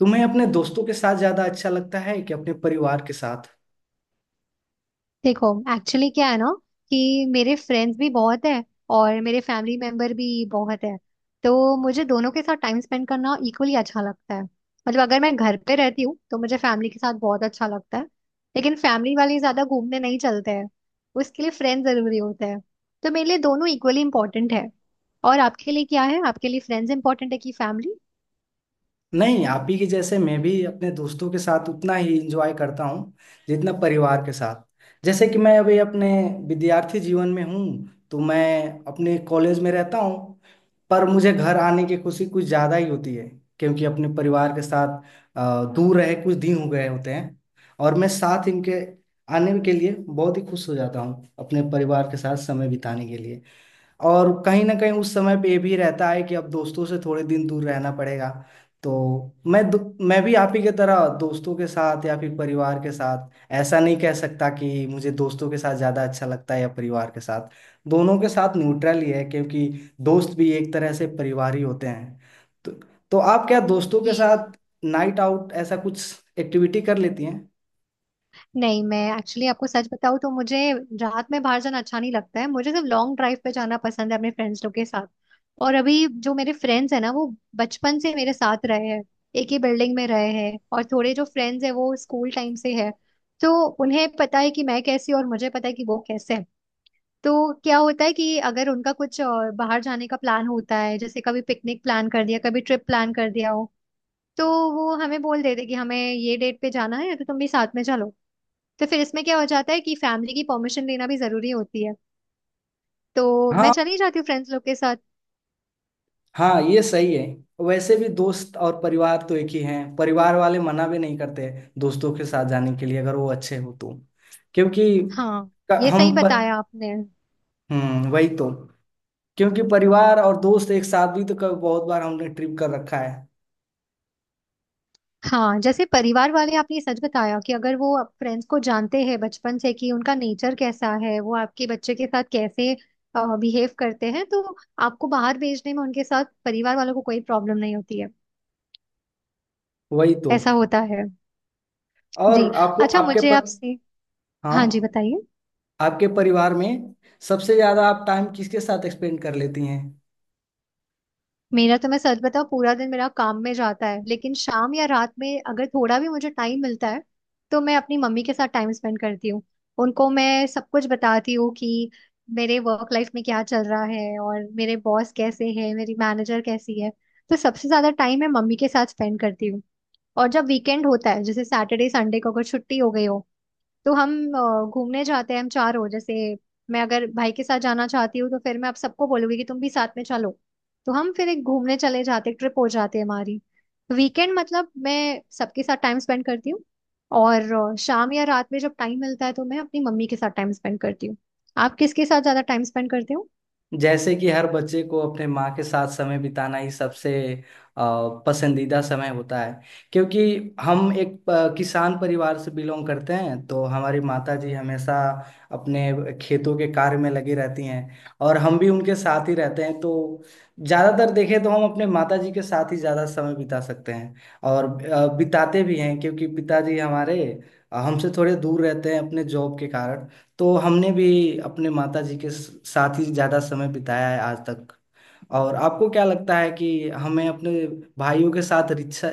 तुम्हें अपने दोस्तों के साथ ज्यादा अच्छा लगता है कि अपने परिवार के साथ। देखो। एक्चुअली क्या है ना कि मेरे फ्रेंड्स भी बहुत है और मेरे फैमिली मेंबर भी बहुत है। तो मुझे दोनों के साथ टाइम स्पेंड करना इक्वली अच्छा लगता है। मतलब अगर मैं घर पे रहती हूँ तो मुझे फैमिली के साथ बहुत अच्छा लगता है, लेकिन फैमिली वाले ज्यादा घूमने नहीं चलते हैं। उसके लिए फ्रेंड जरूरी होते हैं। तो मेरे लिए दोनों इक्वली इंपॉर्टेंट है। और आपके लिए क्या है? आपके लिए फ्रेंड्स इंपॉर्टेंट है कि फैमिली? नहीं, आप ही के जैसे मैं भी अपने दोस्तों के साथ उतना ही इंजॉय करता हूँ जितना परिवार के साथ। जैसे कि मैं अभी अपने विद्यार्थी जीवन में हूँ, तो मैं अपने कॉलेज में रहता हूँ, पर मुझे घर आने की खुशी कुछ ज्यादा ही होती है क्योंकि अपने परिवार के साथ दूर रहे कुछ दिन हो गए होते हैं, और मैं साथ इनके आने के लिए बहुत ही खुश हो जाता हूँ अपने परिवार के साथ समय बिताने के लिए। और कहीं ना कहीं उस समय पे ये भी रहता है कि अब दोस्तों से थोड़े दिन दूर रहना पड़ेगा। तो मैं दो- मैं भी आप ही की तरह दोस्तों के साथ या फिर परिवार के साथ, ऐसा नहीं कह सकता कि मुझे दोस्तों के साथ ज़्यादा अच्छा लगता है या परिवार के साथ। दोनों के साथ न्यूट्रल ही है, क्योंकि दोस्त भी एक तरह से परिवार ही होते हैं। तो, तो आप क्या दोस्तों के साथ नाइट आउट ऐसा कुछ एक्टिविटी कर लेती हैं? नहीं, मैं एक्चुअली आपको सच बताऊं तो मुझे रात में बाहर जाना अच्छा नहीं लगता है। मुझे सिर्फ लॉन्ग ड्राइव पे जाना पसंद है अपने फ्रेंड्स लोग के साथ। और अभी जो मेरे फ्रेंड्स हैं ना, वो बचपन से मेरे साथ रहे हैं, एक ही बिल्डिंग में रहे हैं, और थोड़े जो फ्रेंड्स हैं वो स्कूल टाइम से है। तो उन्हें पता है कि मैं कैसी हूं और मुझे पता है कि वो कैसे हैं। तो क्या होता है कि अगर उनका कुछ बाहर जाने का प्लान होता है, जैसे कभी पिकनिक प्लान कर दिया, कभी ट्रिप प्लान कर दिया हो, तो वो हमें बोल देते कि हमें ये डेट पे जाना है तो तुम भी साथ में चलो। तो फिर इसमें क्या हो जाता है कि फैमिली की परमिशन लेना भी जरूरी होती है। तो मैं हाँ। चली जाती हूँ फ्रेंड्स लोग के साथ। हाँ, ये सही है। वैसे भी दोस्त और परिवार तो एक ही हैं, परिवार वाले मना भी नहीं करते दोस्तों के साथ जाने के लिए अगर वो अच्छे हो तो। क्योंकि हाँ, ये सही हम पर। बताया आपने। हम्म, वही तो। क्योंकि परिवार और दोस्त एक साथ भी तो कभी, बहुत बार हमने ट्रिप कर रखा है। हाँ, जैसे परिवार वाले, आपने ये सच बताया कि अगर वो फ्रेंड्स को जानते हैं बचपन से कि उनका नेचर कैसा है, वो आपके बच्चे के साथ कैसे बिहेव करते हैं, तो आपको बाहर भेजने में उनके साथ परिवार वालों को कोई प्रॉब्लम नहीं होती है। वही तो। ऐसा होता है। जी। और आपको अच्छा, आपके मुझे पर। आपसे। हाँ जी, हाँ। बताइए। आपके परिवार में सबसे ज्यादा आप टाइम किसके साथ स्पेंड कर लेती हैं? मेरा तो, मैं सच बताऊं, पूरा दिन मेरा काम में जाता है, लेकिन शाम या रात में अगर थोड़ा भी मुझे टाइम मिलता है तो मैं अपनी मम्मी के साथ टाइम स्पेंड करती हूँ। उनको मैं सब कुछ बताती हूँ कि मेरे वर्क लाइफ में क्या चल रहा है और मेरे बॉस कैसे हैं, मेरी मैनेजर कैसी है। तो सबसे ज्यादा टाइम मैं मम्मी के साथ स्पेंड करती हूँ। और जब वीकेंड होता है, जैसे सैटरडे संडे को अगर छुट्टी हो गई हो, तो हम घूमने जाते हैं। हम चार हो जैसे, मैं अगर भाई के साथ जाना चाहती हूँ तो फिर मैं आप सबको बोलूंगी कि तुम भी साथ में चलो। तो हम फिर एक घूमने चले जाते, ट्रिप हो जाती है हमारी। वीकेंड मतलब मैं सबके साथ टाइम स्पेंड करती हूँ। और शाम या रात में जब टाइम मिलता है तो मैं अपनी मम्मी के साथ टाइम स्पेंड करती हूँ। आप किसके साथ ज्यादा टाइम स्पेंड करते हो? जैसे कि हर बच्चे को अपने माँ के साथ समय बिताना ही सबसे पसंदीदा समय होता है। क्योंकि हम एक किसान परिवार से बिलोंग करते हैं, तो हमारी माता जी हमेशा अपने खेतों के कार्य में लगी रहती हैं, और हम भी उनके साथ ही रहते हैं। तो ज़्यादातर देखें तो हम अपने माता जी के साथ ही ज़्यादा समय बिता सकते हैं, और बिताते भी हैं। क्योंकि पिताजी हमारे हमसे थोड़े दूर रहते हैं अपने जॉब के कारण। तो हमने भी अपने माता जी के साथ ही ज्यादा समय बिताया है आज तक। और आपको क्या लगता है कि हमें अपने भाइयों के साथ रिश्ता,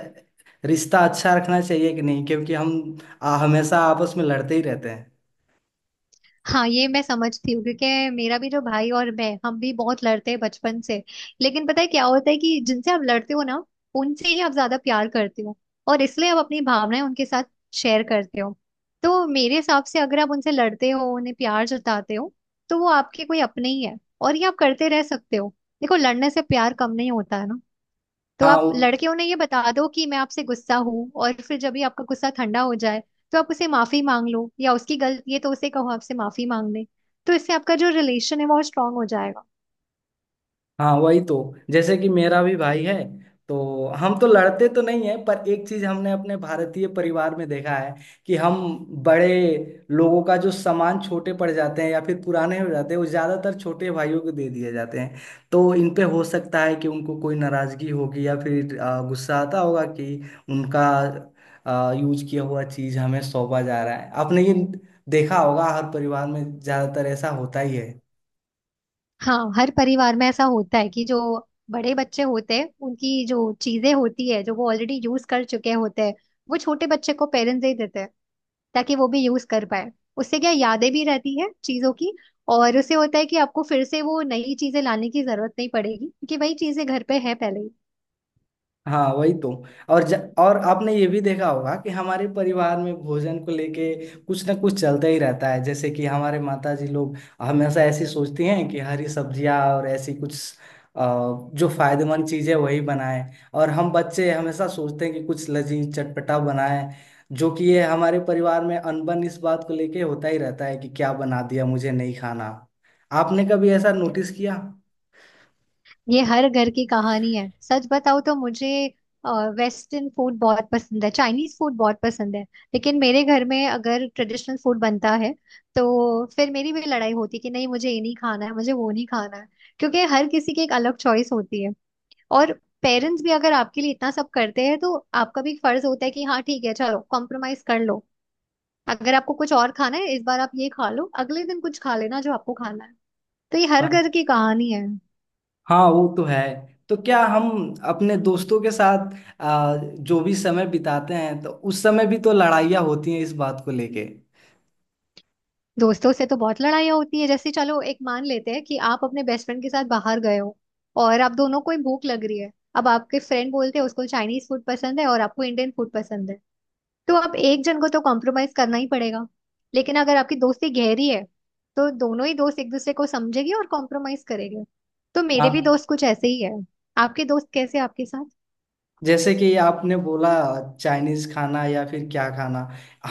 रिश्ता अच्छा रखना चाहिए कि नहीं, क्योंकि हम हमेशा आपस में लड़ते ही रहते हैं। हाँ, ये मैं समझती हूँ, क्योंकि मेरा भी जो भाई और मैं, हम भी बहुत लड़ते हैं बचपन से। लेकिन पता है क्या होता है कि जिनसे आप लड़ते हो ना, उनसे ही आप ज्यादा प्यार करते हो, और इसलिए आप अपनी भावनाएं उनके साथ शेयर करते हो। तो मेरे हिसाब से अगर आप उनसे लड़ते हो, उन्हें प्यार जताते हो, तो वो आपके कोई अपने ही है, और ये आप करते रह सकते हो। देखो, लड़ने से प्यार कम नहीं होता है ना। तो हाँ। आप लड़के उन्हें ये बता दो कि मैं आपसे गुस्सा हूँ, और फिर जब भी आपका गुस्सा ठंडा हो जाए तो आप उसे माफी मांग लो, या उसकी गलती है तो उसे कहो आपसे माफी मांग ले। तो इससे आपका जो रिलेशन है वो स्ट्रांग हो जाएगा। हाँ, वही तो। जैसे कि मेरा भी भाई है। तो हम तो लड़ते तो नहीं है, पर एक चीज हमने अपने भारतीय परिवार में देखा है कि हम बड़े लोगों का जो सामान छोटे पड़ जाते हैं या फिर पुराने हो जाते हैं, वो ज्यादातर छोटे भाइयों को दे दिए जाते हैं। तो इन पे हो सकता है कि उनको कोई नाराजगी होगी या फिर गुस्सा आता होगा कि उनका यूज किया हुआ चीज हमें सौंपा जा रहा है। आपने ये देखा होगा, हर परिवार में ज्यादातर ऐसा होता ही है। हाँ, हर परिवार में ऐसा होता है कि जो बड़े बच्चे होते हैं उनकी जो चीजें होती है, जो वो ऑलरेडी यूज कर चुके होते हैं, वो छोटे बच्चे को पेरेंट्स दे देते हैं, ताकि वो भी यूज कर पाए। उससे क्या, यादें भी रहती है चीजों की। और उससे होता है कि आपको फिर से वो नई चीजें लाने की जरूरत नहीं पड़ेगी, क्योंकि वही चीजें घर पे है पहले ही। हाँ, वही तो। और आपने ये भी देखा होगा कि हमारे परिवार में भोजन को लेके कुछ ना कुछ चलता ही रहता है। जैसे कि हमारे माता जी लोग हमेशा ऐसी सोचती हैं कि हरी सब्जियाँ और ऐसी कुछ अ, जो फायदेमंद चीज़ें वही बनाएं, और हम बच्चे हमेशा सोचते हैं कि कुछ लजीज चटपटा बनाएं। जो कि ये हमारे परिवार में अनबन इस बात को लेके होता ही रहता है कि क्या बना दिया, मुझे नहीं खाना। आपने कभी ऐसा नोटिस किया? ये हर घर की कहानी है। सच बताओ तो मुझे वेस्टर्न फूड बहुत पसंद है, चाइनीज फूड बहुत पसंद है। लेकिन मेरे घर में अगर ट्रेडिशनल फूड बनता है तो फिर मेरी भी लड़ाई होती है कि नहीं मुझे ये नहीं खाना है, मुझे वो नहीं खाना है, क्योंकि हर किसी की एक अलग चॉइस होती है। और पेरेंट्स भी अगर आपके लिए इतना सब करते हैं तो आपका भी फर्ज होता है कि हाँ ठीक है, चलो कॉम्प्रोमाइज कर लो। अगर आपको कुछ और खाना है, इस बार आप ये खा लो, अगले दिन कुछ खा लेना जो आपको खाना है। तो ये हर हाँ। घर की कहानी है। हाँ, वो तो है। तो क्या हम अपने दोस्तों के साथ जो भी समय बिताते हैं, तो उस समय भी तो लड़ाइयाँ होती हैं इस बात को लेके? दोस्तों से तो बहुत लड़ाइयाँ होती है। जैसे चलो एक मान लेते हैं कि आप अपने बेस्ट फ्रेंड के साथ बाहर गए हो, और आप दोनों को ही भूख लग रही है। अब आपके फ्रेंड बोलते हैं, उसको चाइनीज फूड पसंद है और आपको इंडियन फूड पसंद है। तो आप एक जन को तो कॉम्प्रोमाइज करना ही पड़ेगा। लेकिन अगर आपकी दोस्ती गहरी है तो दोनों ही दोस्त एक दूसरे को समझेंगे और कॉम्प्रोमाइज करेंगे। तो मेरे भी हाँ। दोस्त कुछ ऐसे ही है। आपके दोस्त कैसे हैं आपके साथ? जैसे कि आपने बोला चाइनीज खाना या फिर क्या खाना,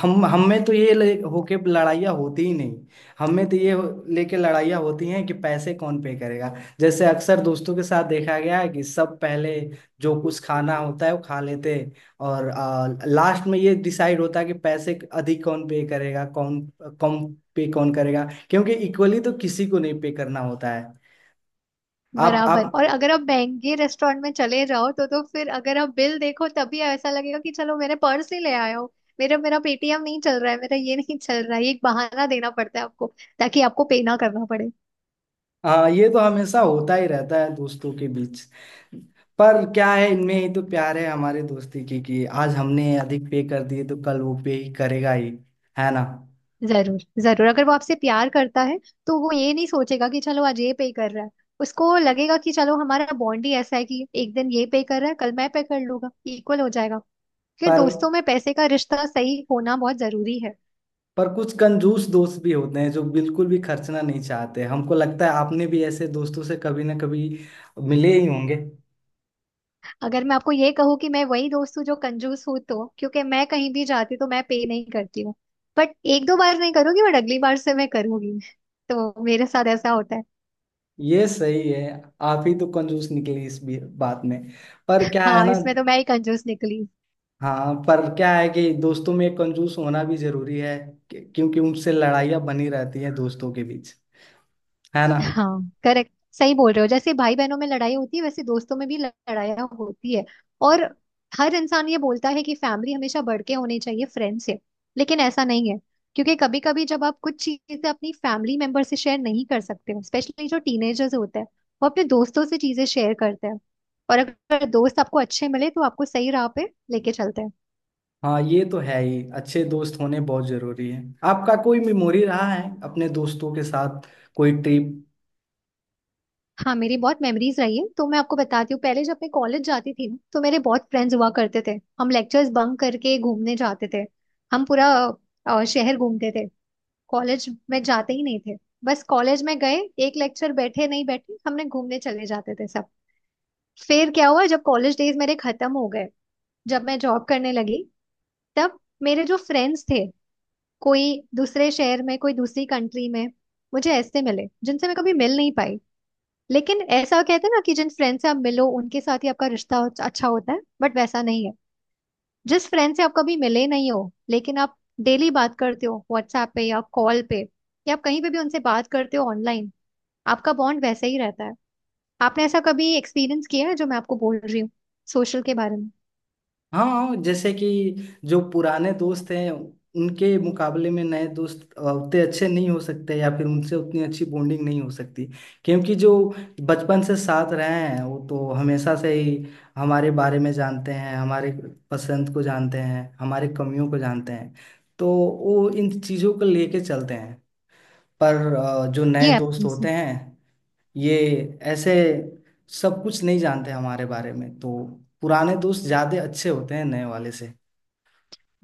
हम में तो ये ले होके लड़ाइयाँ होती ही नहीं। हम में तो ये लेके लड़ाइयाँ होती हैं कि पैसे कौन पे करेगा। जैसे अक्सर दोस्तों के साथ देखा गया है कि सब पहले जो कुछ खाना होता है वो खा लेते हैं, और लास्ट में ये डिसाइड होता है कि पैसे अधिक कौन पे करेगा, कौन कम पे कौन करेगा। क्योंकि इक्वली तो किसी को नहीं पे करना होता है। आप बराबर। आप और अगर आप महंगे रेस्टोरेंट में चले जाओ तो फिर अगर आप बिल देखो तभी ऐसा लगेगा कि चलो मेरे पर्स ही ले आए हो। मेरा मेरा पेटीएम नहीं चल रहा है, मेरा ये नहीं चल रहा है, ये एक बहाना देना पड़ता है आपको ताकि आपको पे ना करना पड़े। हाँ, ये तो हमेशा होता ही रहता है दोस्तों के बीच। पर क्या है, इनमें ही तो प्यार है हमारे दोस्ती की, कि आज हमने अधिक पे कर दिए तो कल वो पे ही करेगा ही, है ना? जरूर जरूर, अगर वो आपसे प्यार करता है तो वो ये नहीं सोचेगा कि चलो आज ये पे कर रहा है। उसको लगेगा कि चलो हमारा बॉन्ड ही ऐसा है कि एक दिन ये पे कर रहा है, कल मैं पे कर लूंगा, इक्वल हो जाएगा। फिर पर दोस्तों में पैसे का रिश्ता सही होना बहुत जरूरी है। पर कुछ कंजूस दोस्त भी होते हैं जो बिल्कुल भी खर्चना नहीं चाहते। हमको लगता है आपने भी ऐसे दोस्तों से कभी ना कभी मिले ही होंगे। अगर मैं आपको ये कहूँ कि मैं वही दोस्त हूँ जो कंजूस हूँ, तो क्योंकि मैं कहीं भी जाती तो मैं पे नहीं करती हूँ। बट एक दो बार नहीं करूंगी, बट अगली बार से मैं करूंगी। तो मेरे साथ ऐसा होता है। ये सही है, आप ही तो कंजूस निकले इस बात में। पर क्या है हाँ, ना। इसमें तो मैं ही कंजूस निकली। हाँ, पर क्या है कि दोस्तों में कंजूस होना भी जरूरी है। क्योंकि उनसे लड़ाइयाँ बनी रहती हैं दोस्तों के बीच, है ना? हाँ, करेक्ट। सही बोल रहे हो, जैसे भाई बहनों में लड़ाई होती है वैसे दोस्तों में भी लड़ाइयाँ होती है। और हर इंसान ये बोलता है कि फैमिली हमेशा बढ़ के होनी चाहिए फ्रेंड से, लेकिन ऐसा नहीं है। क्योंकि कभी कभी जब आप कुछ चीजें अपनी फैमिली मेंबर से शेयर नहीं कर सकते हो, स्पेशली जो टीनेजर्स होते हैं, वो अपने दोस्तों से चीजें शेयर करते हैं। और अगर दोस्त आपको अच्छे मिले तो आपको सही राह पे लेके चलते हैं। हाँ, ये तो है ही, अच्छे दोस्त होने बहुत जरूरी है। आपका कोई मेमोरी रहा है अपने दोस्तों के साथ, कोई ट्रिप? हाँ, मेरी बहुत मेमोरीज रही है तो मैं आपको बताती हूँ। पहले जब मैं कॉलेज जाती थी ना, तो मेरे बहुत फ्रेंड्स हुआ करते थे। हम लेक्चर्स बंक करके घूमने जाते थे। हम पूरा शहर घूमते थे। कॉलेज में जाते ही नहीं थे। बस कॉलेज में गए, एक लेक्चर बैठे नहीं बैठे, हमने घूमने चले जाते थे सब। फिर क्या हुआ, जब कॉलेज डेज मेरे खत्म हो गए, जब मैं जॉब करने लगी, तब मेरे जो फ्रेंड्स थे, कोई दूसरे शहर में, कोई दूसरी कंट्री में, मुझे ऐसे मिले जिनसे मैं कभी मिल नहीं पाई। लेकिन ऐसा कहते हैं ना कि जिन फ्रेंड से आप मिलो उनके साथ ही आपका रिश्ता अच्छा होता है, बट वैसा नहीं है। जिस फ्रेंड से आप कभी मिले नहीं हो, लेकिन आप डेली बात करते हो व्हाट्सएप पे या कॉल पे, या आप कहीं पे भी उनसे बात करते हो ऑनलाइन, आपका बॉन्ड वैसे ही रहता है। आपने ऐसा कभी एक्सपीरियंस किया है जो मैं आपको बोल रही हूँ सोशल के बारे में? हाँ। हाँ, जैसे कि जो पुराने दोस्त हैं उनके मुकाबले में नए दोस्त उतने अच्छे नहीं हो सकते, या फिर उनसे उतनी अच्छी बॉन्डिंग नहीं हो सकती। क्योंकि जो बचपन से साथ रहे हैं वो तो हमेशा से ही हमारे बारे में जानते हैं, हमारे पसंद को जानते हैं, हमारे कमियों को जानते हैं। तो वो इन चीज़ों को लेके चलते हैं। पर जो नए ये दोस्त है। होते हैं ये ऐसे सब कुछ नहीं जानते हमारे बारे में। तो पुराने दोस्त ज्यादा अच्छे होते हैं नए वाले से।